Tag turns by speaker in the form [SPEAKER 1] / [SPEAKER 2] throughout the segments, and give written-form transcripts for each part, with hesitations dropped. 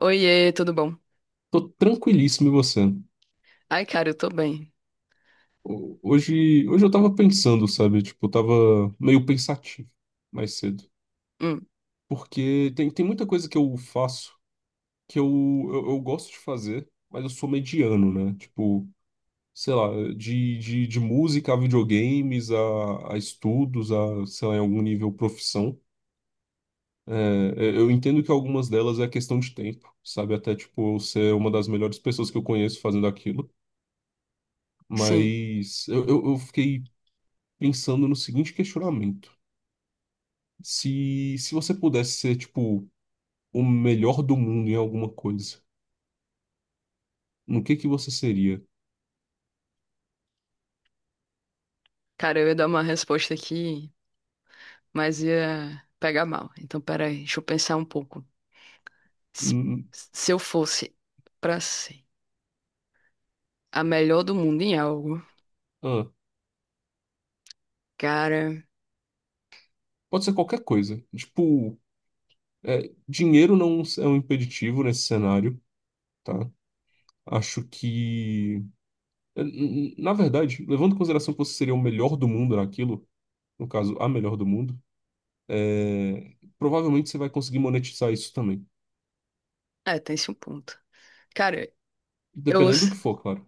[SPEAKER 1] Oiê, tudo bom?
[SPEAKER 2] Tô tranquilíssimo e você?
[SPEAKER 1] Ai, cara, eu tô bem.
[SPEAKER 2] Hoje, eu tava pensando, sabe? Tipo, eu tava meio pensativo mais cedo.
[SPEAKER 1] Hum,
[SPEAKER 2] Porque tem muita coisa que eu faço que eu gosto de fazer, mas eu sou mediano, né? Tipo, sei lá, de música a videogames, a estudos, a, sei lá, em algum nível profissão. É, eu entendo que algumas delas é questão de tempo, sabe? Até, tipo, eu ser uma das melhores pessoas que eu conheço fazendo aquilo.
[SPEAKER 1] sim.
[SPEAKER 2] Mas eu fiquei pensando no seguinte questionamento. Se você pudesse ser, tipo, o melhor do mundo em alguma coisa, no que você seria?
[SPEAKER 1] Cara, eu ia dar uma resposta aqui, mas ia pegar mal. Então, peraí, deixa eu pensar um pouco. Se,
[SPEAKER 2] Hum.
[SPEAKER 1] se eu fosse pra ser a melhor do mundo em algo,
[SPEAKER 2] ah,
[SPEAKER 1] cara.
[SPEAKER 2] Pode ser qualquer coisa. Tipo, dinheiro não é um impeditivo nesse cenário, tá? Acho que... Na verdade, levando em consideração que você seria o melhor do mundo naquilo, no caso, a melhor do mundo, provavelmente você vai conseguir monetizar isso também.
[SPEAKER 1] É, tem-se um ponto. Cara, eu
[SPEAKER 2] Dependendo do
[SPEAKER 1] s-
[SPEAKER 2] que for, claro.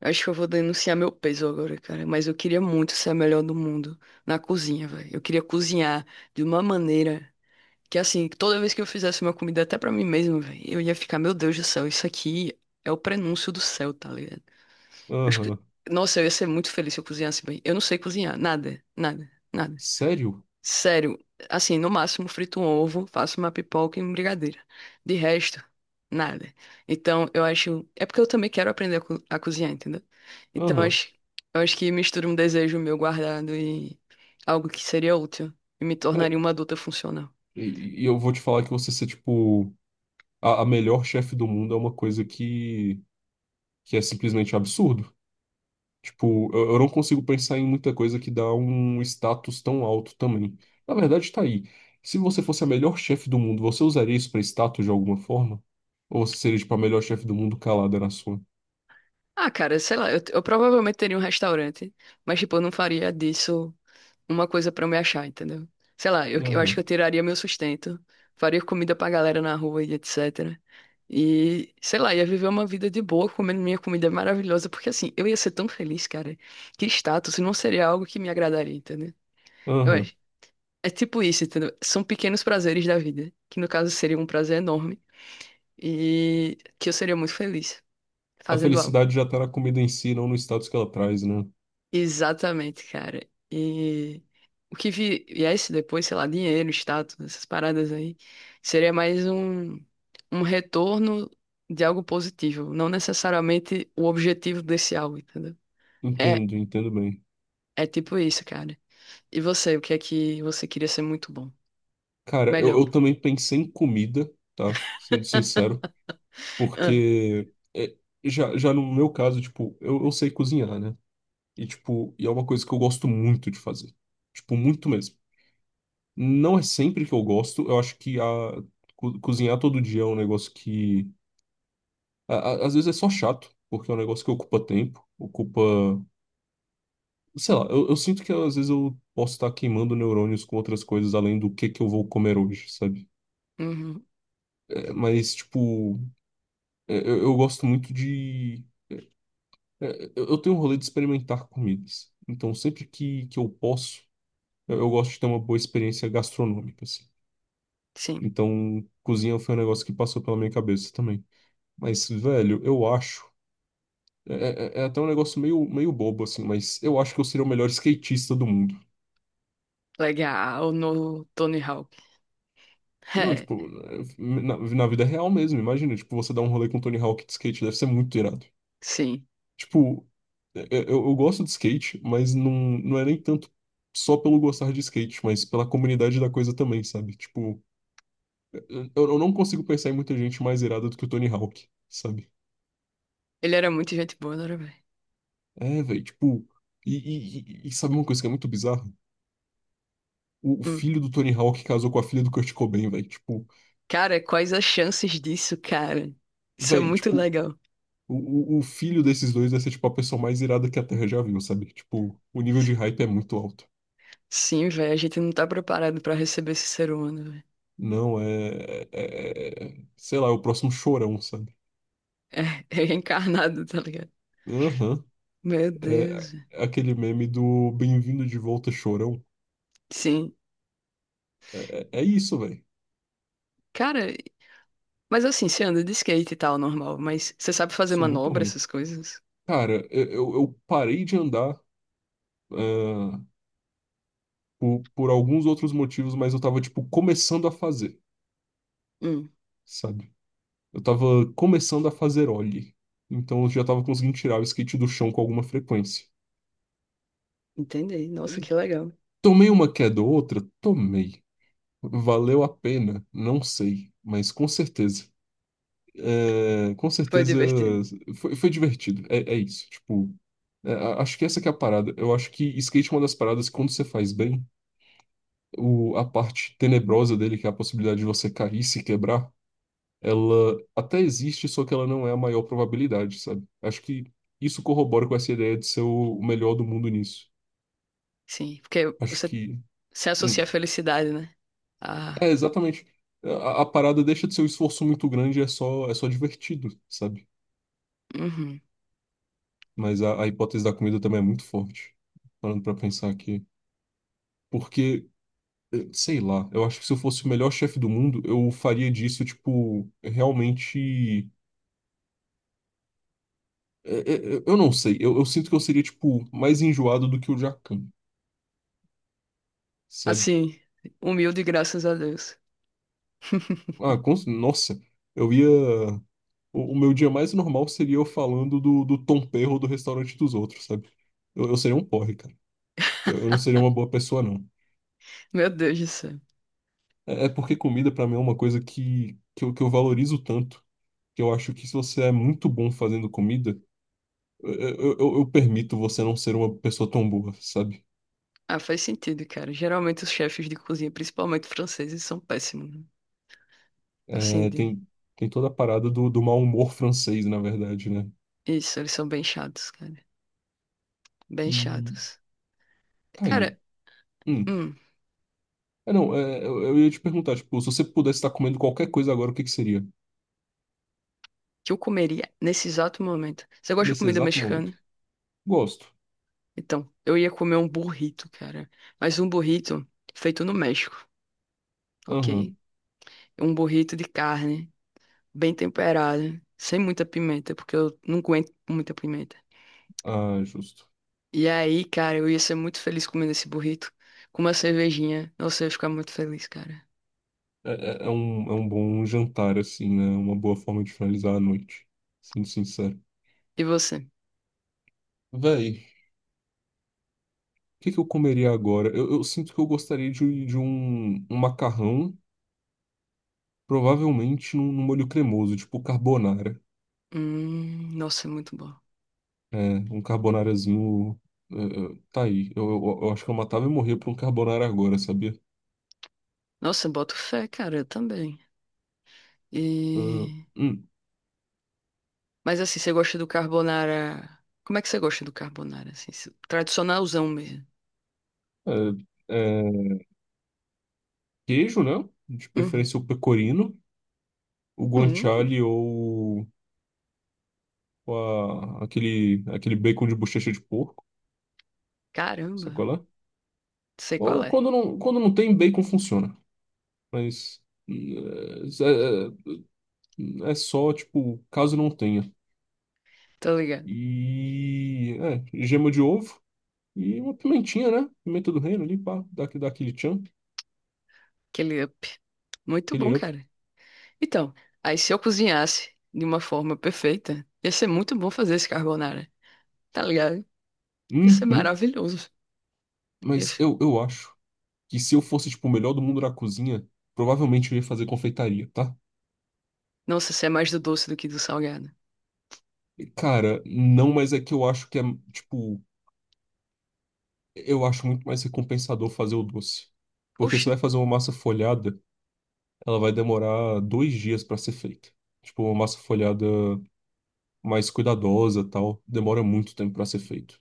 [SPEAKER 1] acho que eu vou denunciar meu peso agora, cara. Mas eu queria muito ser a melhor do mundo na cozinha, velho. Eu queria cozinhar de uma maneira. Que assim, toda vez que eu fizesse uma comida até pra mim mesmo, velho, eu ia ficar, meu Deus do céu, isso aqui é o prenúncio do céu, tá ligado? Acho que,
[SPEAKER 2] Aham.
[SPEAKER 1] nossa, eu ia ser muito feliz se eu cozinhasse bem. Eu não sei cozinhar, nada, nada, nada.
[SPEAKER 2] Sério?
[SPEAKER 1] Sério, assim, no máximo frito um ovo, faço uma pipoca e uma brigadeira. De resto, nada. Então, eu acho, é porque eu também quero aprender a cozinhar, entendeu? Então, eu
[SPEAKER 2] Aham.
[SPEAKER 1] acho, eu acho que mistura um desejo meu guardado e algo que seria útil e me
[SPEAKER 2] É,
[SPEAKER 1] tornaria uma adulta funcional.
[SPEAKER 2] e eu vou te falar que você ser, tipo, a melhor chefe do mundo é uma coisa que é simplesmente absurdo. Tipo, eu não consigo pensar em muita coisa que dá um status tão alto também. Na verdade, tá aí. Se você fosse a melhor chefe do mundo, você usaria isso pra status de alguma forma? Ou você seria, tipo, a melhor chefe do mundo calada na sua?
[SPEAKER 1] Ah, cara, sei lá, eu provavelmente teria um restaurante, mas, tipo, eu não faria disso uma coisa pra eu me achar, entendeu? Sei lá, eu acho que eu
[SPEAKER 2] Aham,
[SPEAKER 1] tiraria meu sustento, faria comida pra galera na rua e etc. E, sei lá, ia viver uma vida de boa comendo minha comida maravilhosa, porque, assim, eu ia ser tão feliz, cara, que status não seria algo que me agradaria, entendeu? Eu
[SPEAKER 2] aham.
[SPEAKER 1] acho. É tipo isso, entendeu? São pequenos prazeres da vida, que no caso seria um prazer enorme e que eu seria muito feliz
[SPEAKER 2] A
[SPEAKER 1] fazendo algo.
[SPEAKER 2] felicidade já tá na comida em si, não no status que ela traz, né?
[SPEAKER 1] Exatamente, cara. E o que viesse depois, sei lá, dinheiro, status, essas paradas aí, seria mais um retorno de algo positivo, não necessariamente o objetivo desse algo, entendeu? É,
[SPEAKER 2] Entendo, entendo bem.
[SPEAKER 1] é tipo isso, cara. E você, o que é que você queria ser muito bom?
[SPEAKER 2] Cara, eu,
[SPEAKER 1] Melhor.
[SPEAKER 2] eu também pensei em comida, tá? Sendo sincero. Porque já no meu caso, tipo, eu sei cozinhar, né? E, tipo, e é uma coisa que eu gosto muito de fazer. Tipo, muito mesmo. Não é sempre que eu gosto, eu acho que cozinhar todo dia é um negócio que a- às vezes é só chato, porque é um negócio que ocupa tempo, ocupa. Sei lá, eu sinto que às vezes eu posso estar queimando neurônios com outras coisas além do que eu vou comer hoje, sabe?
[SPEAKER 1] Ah, uhum,
[SPEAKER 2] Mas, tipo, eu gosto muito de. Eu tenho um rolê de experimentar comidas. Então, sempre que eu posso, eu gosto de ter uma boa experiência gastronômica, assim.
[SPEAKER 1] sim.
[SPEAKER 2] Então, cozinha foi um negócio que passou pela minha cabeça também. Mas, velho, eu acho. É até um negócio meio bobo, assim, mas eu acho que eu seria o melhor skatista do mundo.
[SPEAKER 1] Legal, no Tony Hawk.
[SPEAKER 2] Não,
[SPEAKER 1] É,
[SPEAKER 2] tipo, na vida real mesmo, imagina. Tipo, você dar um rolê com o Tony Hawk de skate, deve ser muito irado.
[SPEAKER 1] sim.
[SPEAKER 2] Tipo, eu gosto de skate, mas não, não é nem tanto só pelo gostar de skate, mas pela comunidade da coisa também, sabe? Tipo, é, é, eu não consigo pensar em muita gente mais irada do que o Tony Hawk, sabe?
[SPEAKER 1] Ele era muito gente boa, não era, velho?
[SPEAKER 2] É, velho, tipo, e, e- e sabe uma coisa que é muito bizarra? O filho do Tony Hawk casou com a filha do Kurt Cobain, velho. Tipo,
[SPEAKER 1] Cara, quais as chances disso, cara? Isso é
[SPEAKER 2] velho,
[SPEAKER 1] muito
[SPEAKER 2] tipo,
[SPEAKER 1] legal.
[SPEAKER 2] o filho desses dois vai ser, tipo, a pessoa mais irada que a Terra já viu, sabe? Tipo, o nível de hype é muito alto.
[SPEAKER 1] Sim, velho, a gente não tá preparado pra receber esse ser humano, velho.
[SPEAKER 2] Não, sei lá, é o próximo chorão, sabe?
[SPEAKER 1] É, é reencarnado, tá ligado?
[SPEAKER 2] Aham.
[SPEAKER 1] Meu
[SPEAKER 2] É
[SPEAKER 1] Deus, velho.
[SPEAKER 2] é aquele meme do Bem-vindo de volta, chorão.
[SPEAKER 1] Sim.
[SPEAKER 2] É isso, velho.
[SPEAKER 1] Cara, mas assim, você anda de skate e tal, normal, mas você sabe fazer
[SPEAKER 2] Sou muito
[SPEAKER 1] manobra,
[SPEAKER 2] ruim.
[SPEAKER 1] essas coisas?
[SPEAKER 2] Cara, eu parei de andar, ah, por alguns outros motivos, mas eu tava, tipo, começando a fazer,
[SPEAKER 1] Hum,
[SPEAKER 2] sabe? Eu tava começando a fazer ollie. Então eu já tava conseguindo tirar o skate do chão com alguma frequência.
[SPEAKER 1] Entendi. Nossa, que legal.
[SPEAKER 2] Tomei uma queda ou outra? Tomei. Valeu a pena? Não sei, mas com certeza. É, com
[SPEAKER 1] Foi
[SPEAKER 2] certeza
[SPEAKER 1] divertido.
[SPEAKER 2] foi divertido. É isso. Tipo, acho que essa que é a parada. Eu acho que skate é uma das paradas que quando você faz bem, a parte tenebrosa dele, que é a possibilidade de você cair e se quebrar, ela até existe, só que ela não é a maior probabilidade, sabe? Acho que isso corrobora com essa ideia de ser o melhor do mundo nisso.
[SPEAKER 1] Sim, porque
[SPEAKER 2] Acho
[SPEAKER 1] você
[SPEAKER 2] que...
[SPEAKER 1] se associa à
[SPEAKER 2] hum,
[SPEAKER 1] felicidade, né? Ah,
[SPEAKER 2] exatamente. A parada deixa de ser um esforço muito grande, é só divertido, sabe?
[SPEAKER 1] uhum.
[SPEAKER 2] Mas a hipótese da comida também é muito forte, parando pra pensar aqui. Porque, sei lá, eu acho que se eu fosse o melhor chefe do mundo, eu faria disso, tipo, realmente. Eu não sei, eu sinto que eu seria, tipo, mais enjoado do que o Jacan, sabe?
[SPEAKER 1] Assim, humilde, graças a Deus.
[SPEAKER 2] Ah, nossa, eu ia. O meu dia mais normal seria eu falando do Tom Perro do restaurante dos outros, sabe? Eu seria um porre, cara. Eu não seria uma boa pessoa, não.
[SPEAKER 1] Meu Deus do céu.
[SPEAKER 2] É porque comida, pra mim, é uma coisa que eu valorizo tanto que eu acho que se você é muito bom fazendo comida, eu permito você não ser uma pessoa tão boa, sabe?
[SPEAKER 1] Ah, faz sentido, cara. Geralmente os chefes de cozinha, principalmente franceses, são péssimos, né? Assim,
[SPEAKER 2] É, tem toda a parada do mau humor francês, na verdade, né?
[SPEAKER 1] isso, eles são bem chatos, cara. Bem
[SPEAKER 2] E
[SPEAKER 1] chatos.
[SPEAKER 2] tá
[SPEAKER 1] Cara,
[SPEAKER 2] aí. Hum.
[SPEAKER 1] hum,
[SPEAKER 2] Não, eu ia te perguntar, tipo, se você pudesse estar comendo qualquer coisa agora, o que que seria?
[SPEAKER 1] que eu comeria nesse exato momento. Você gosta de
[SPEAKER 2] Nesse
[SPEAKER 1] comida
[SPEAKER 2] exato momento.
[SPEAKER 1] mexicana?
[SPEAKER 2] Gosto.
[SPEAKER 1] Então, eu ia comer um burrito, cara. Mas um burrito feito no México, ok?
[SPEAKER 2] Aham.
[SPEAKER 1] Um burrito de carne, bem temperado, sem muita pimenta, porque eu não aguento muita pimenta.
[SPEAKER 2] Ah, justo.
[SPEAKER 1] E aí, cara, eu ia ser muito feliz comendo esse burrito com uma cervejinha. Nossa, eu ia ficar muito feliz, cara.
[SPEAKER 2] É, é um bom jantar, assim, né? Uma boa forma de finalizar a noite. Sendo sincero.
[SPEAKER 1] E você?
[SPEAKER 2] Véi. O que que eu comeria agora? Eu sinto que eu gostaria de um macarrão, provavelmente num molho cremoso, tipo carbonara.
[SPEAKER 1] Nossa, é muito bom.
[SPEAKER 2] É, um carbonarazinho. Tá aí. Eu acho que eu matava e morria por um carbonara agora, sabia?
[SPEAKER 1] Nossa, boto fé, cara, eu também.
[SPEAKER 2] Ah,
[SPEAKER 1] E...
[SPEAKER 2] hum.
[SPEAKER 1] Mas assim, você gosta do carbonara. Como é que você gosta do carbonara, assim? Tradicionalzão mesmo.
[SPEAKER 2] É, é, queijo, né? De
[SPEAKER 1] Uhum.
[SPEAKER 2] preferência o pecorino, o
[SPEAKER 1] Hum,
[SPEAKER 2] guanciale ou aquele bacon de bochecha de porco,
[SPEAKER 1] Caramba,
[SPEAKER 2] sacolé?
[SPEAKER 1] sei qual
[SPEAKER 2] Ou
[SPEAKER 1] é.
[SPEAKER 2] quando não tem, bacon funciona. Mas. hum, é, é, É só, tipo, caso não tenha.
[SPEAKER 1] Tô ligado.
[SPEAKER 2] E. É, gema de ovo e uma pimentinha, né? Pimenta do reino ali, pá, dá aquele tchan,
[SPEAKER 1] Aquele up. Muito bom,
[SPEAKER 2] aquele up.
[SPEAKER 1] cara. Então, aí se eu cozinhasse de uma forma perfeita, ia ser muito bom fazer esse carbonara. Tá ligado? Ia ser
[SPEAKER 2] Uhum.
[SPEAKER 1] maravilhoso.
[SPEAKER 2] Mas
[SPEAKER 1] Ia-
[SPEAKER 2] eu acho que se eu fosse, tipo, o melhor do mundo na cozinha, provavelmente eu ia fazer confeitaria, tá?
[SPEAKER 1] Nossa, você é mais do doce do que do salgado.
[SPEAKER 2] Cara, não, mas é que eu acho que é, tipo, eu acho muito mais recompensador fazer o doce. Porque você vai
[SPEAKER 1] Oxi.
[SPEAKER 2] fazer uma massa folhada, ela vai demorar 2 dias pra ser feita. Tipo, uma massa folhada mais cuidadosa, tal, demora muito tempo para ser feito.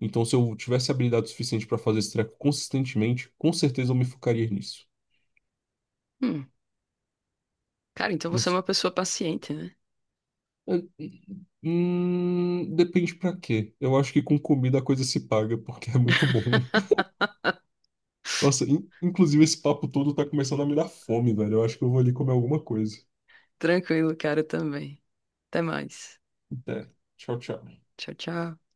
[SPEAKER 2] Então, se eu tivesse habilidade suficiente para fazer esse treco consistentemente, com certeza eu me focaria nisso.
[SPEAKER 1] Hum. Cara, então
[SPEAKER 2] Não
[SPEAKER 1] você é
[SPEAKER 2] sei.
[SPEAKER 1] uma pessoa paciente, né?
[SPEAKER 2] É, hum, depende pra quê. Eu acho que com comida a coisa se paga, porque é muito bom. Nossa, inclusive esse papo todo tá começando a me dar fome, velho. Eu acho que eu vou ali comer alguma coisa.
[SPEAKER 1] Tranquilo, cara, também. Até mais.
[SPEAKER 2] Até. Tchau, tchau.
[SPEAKER 1] Tchau, tchau.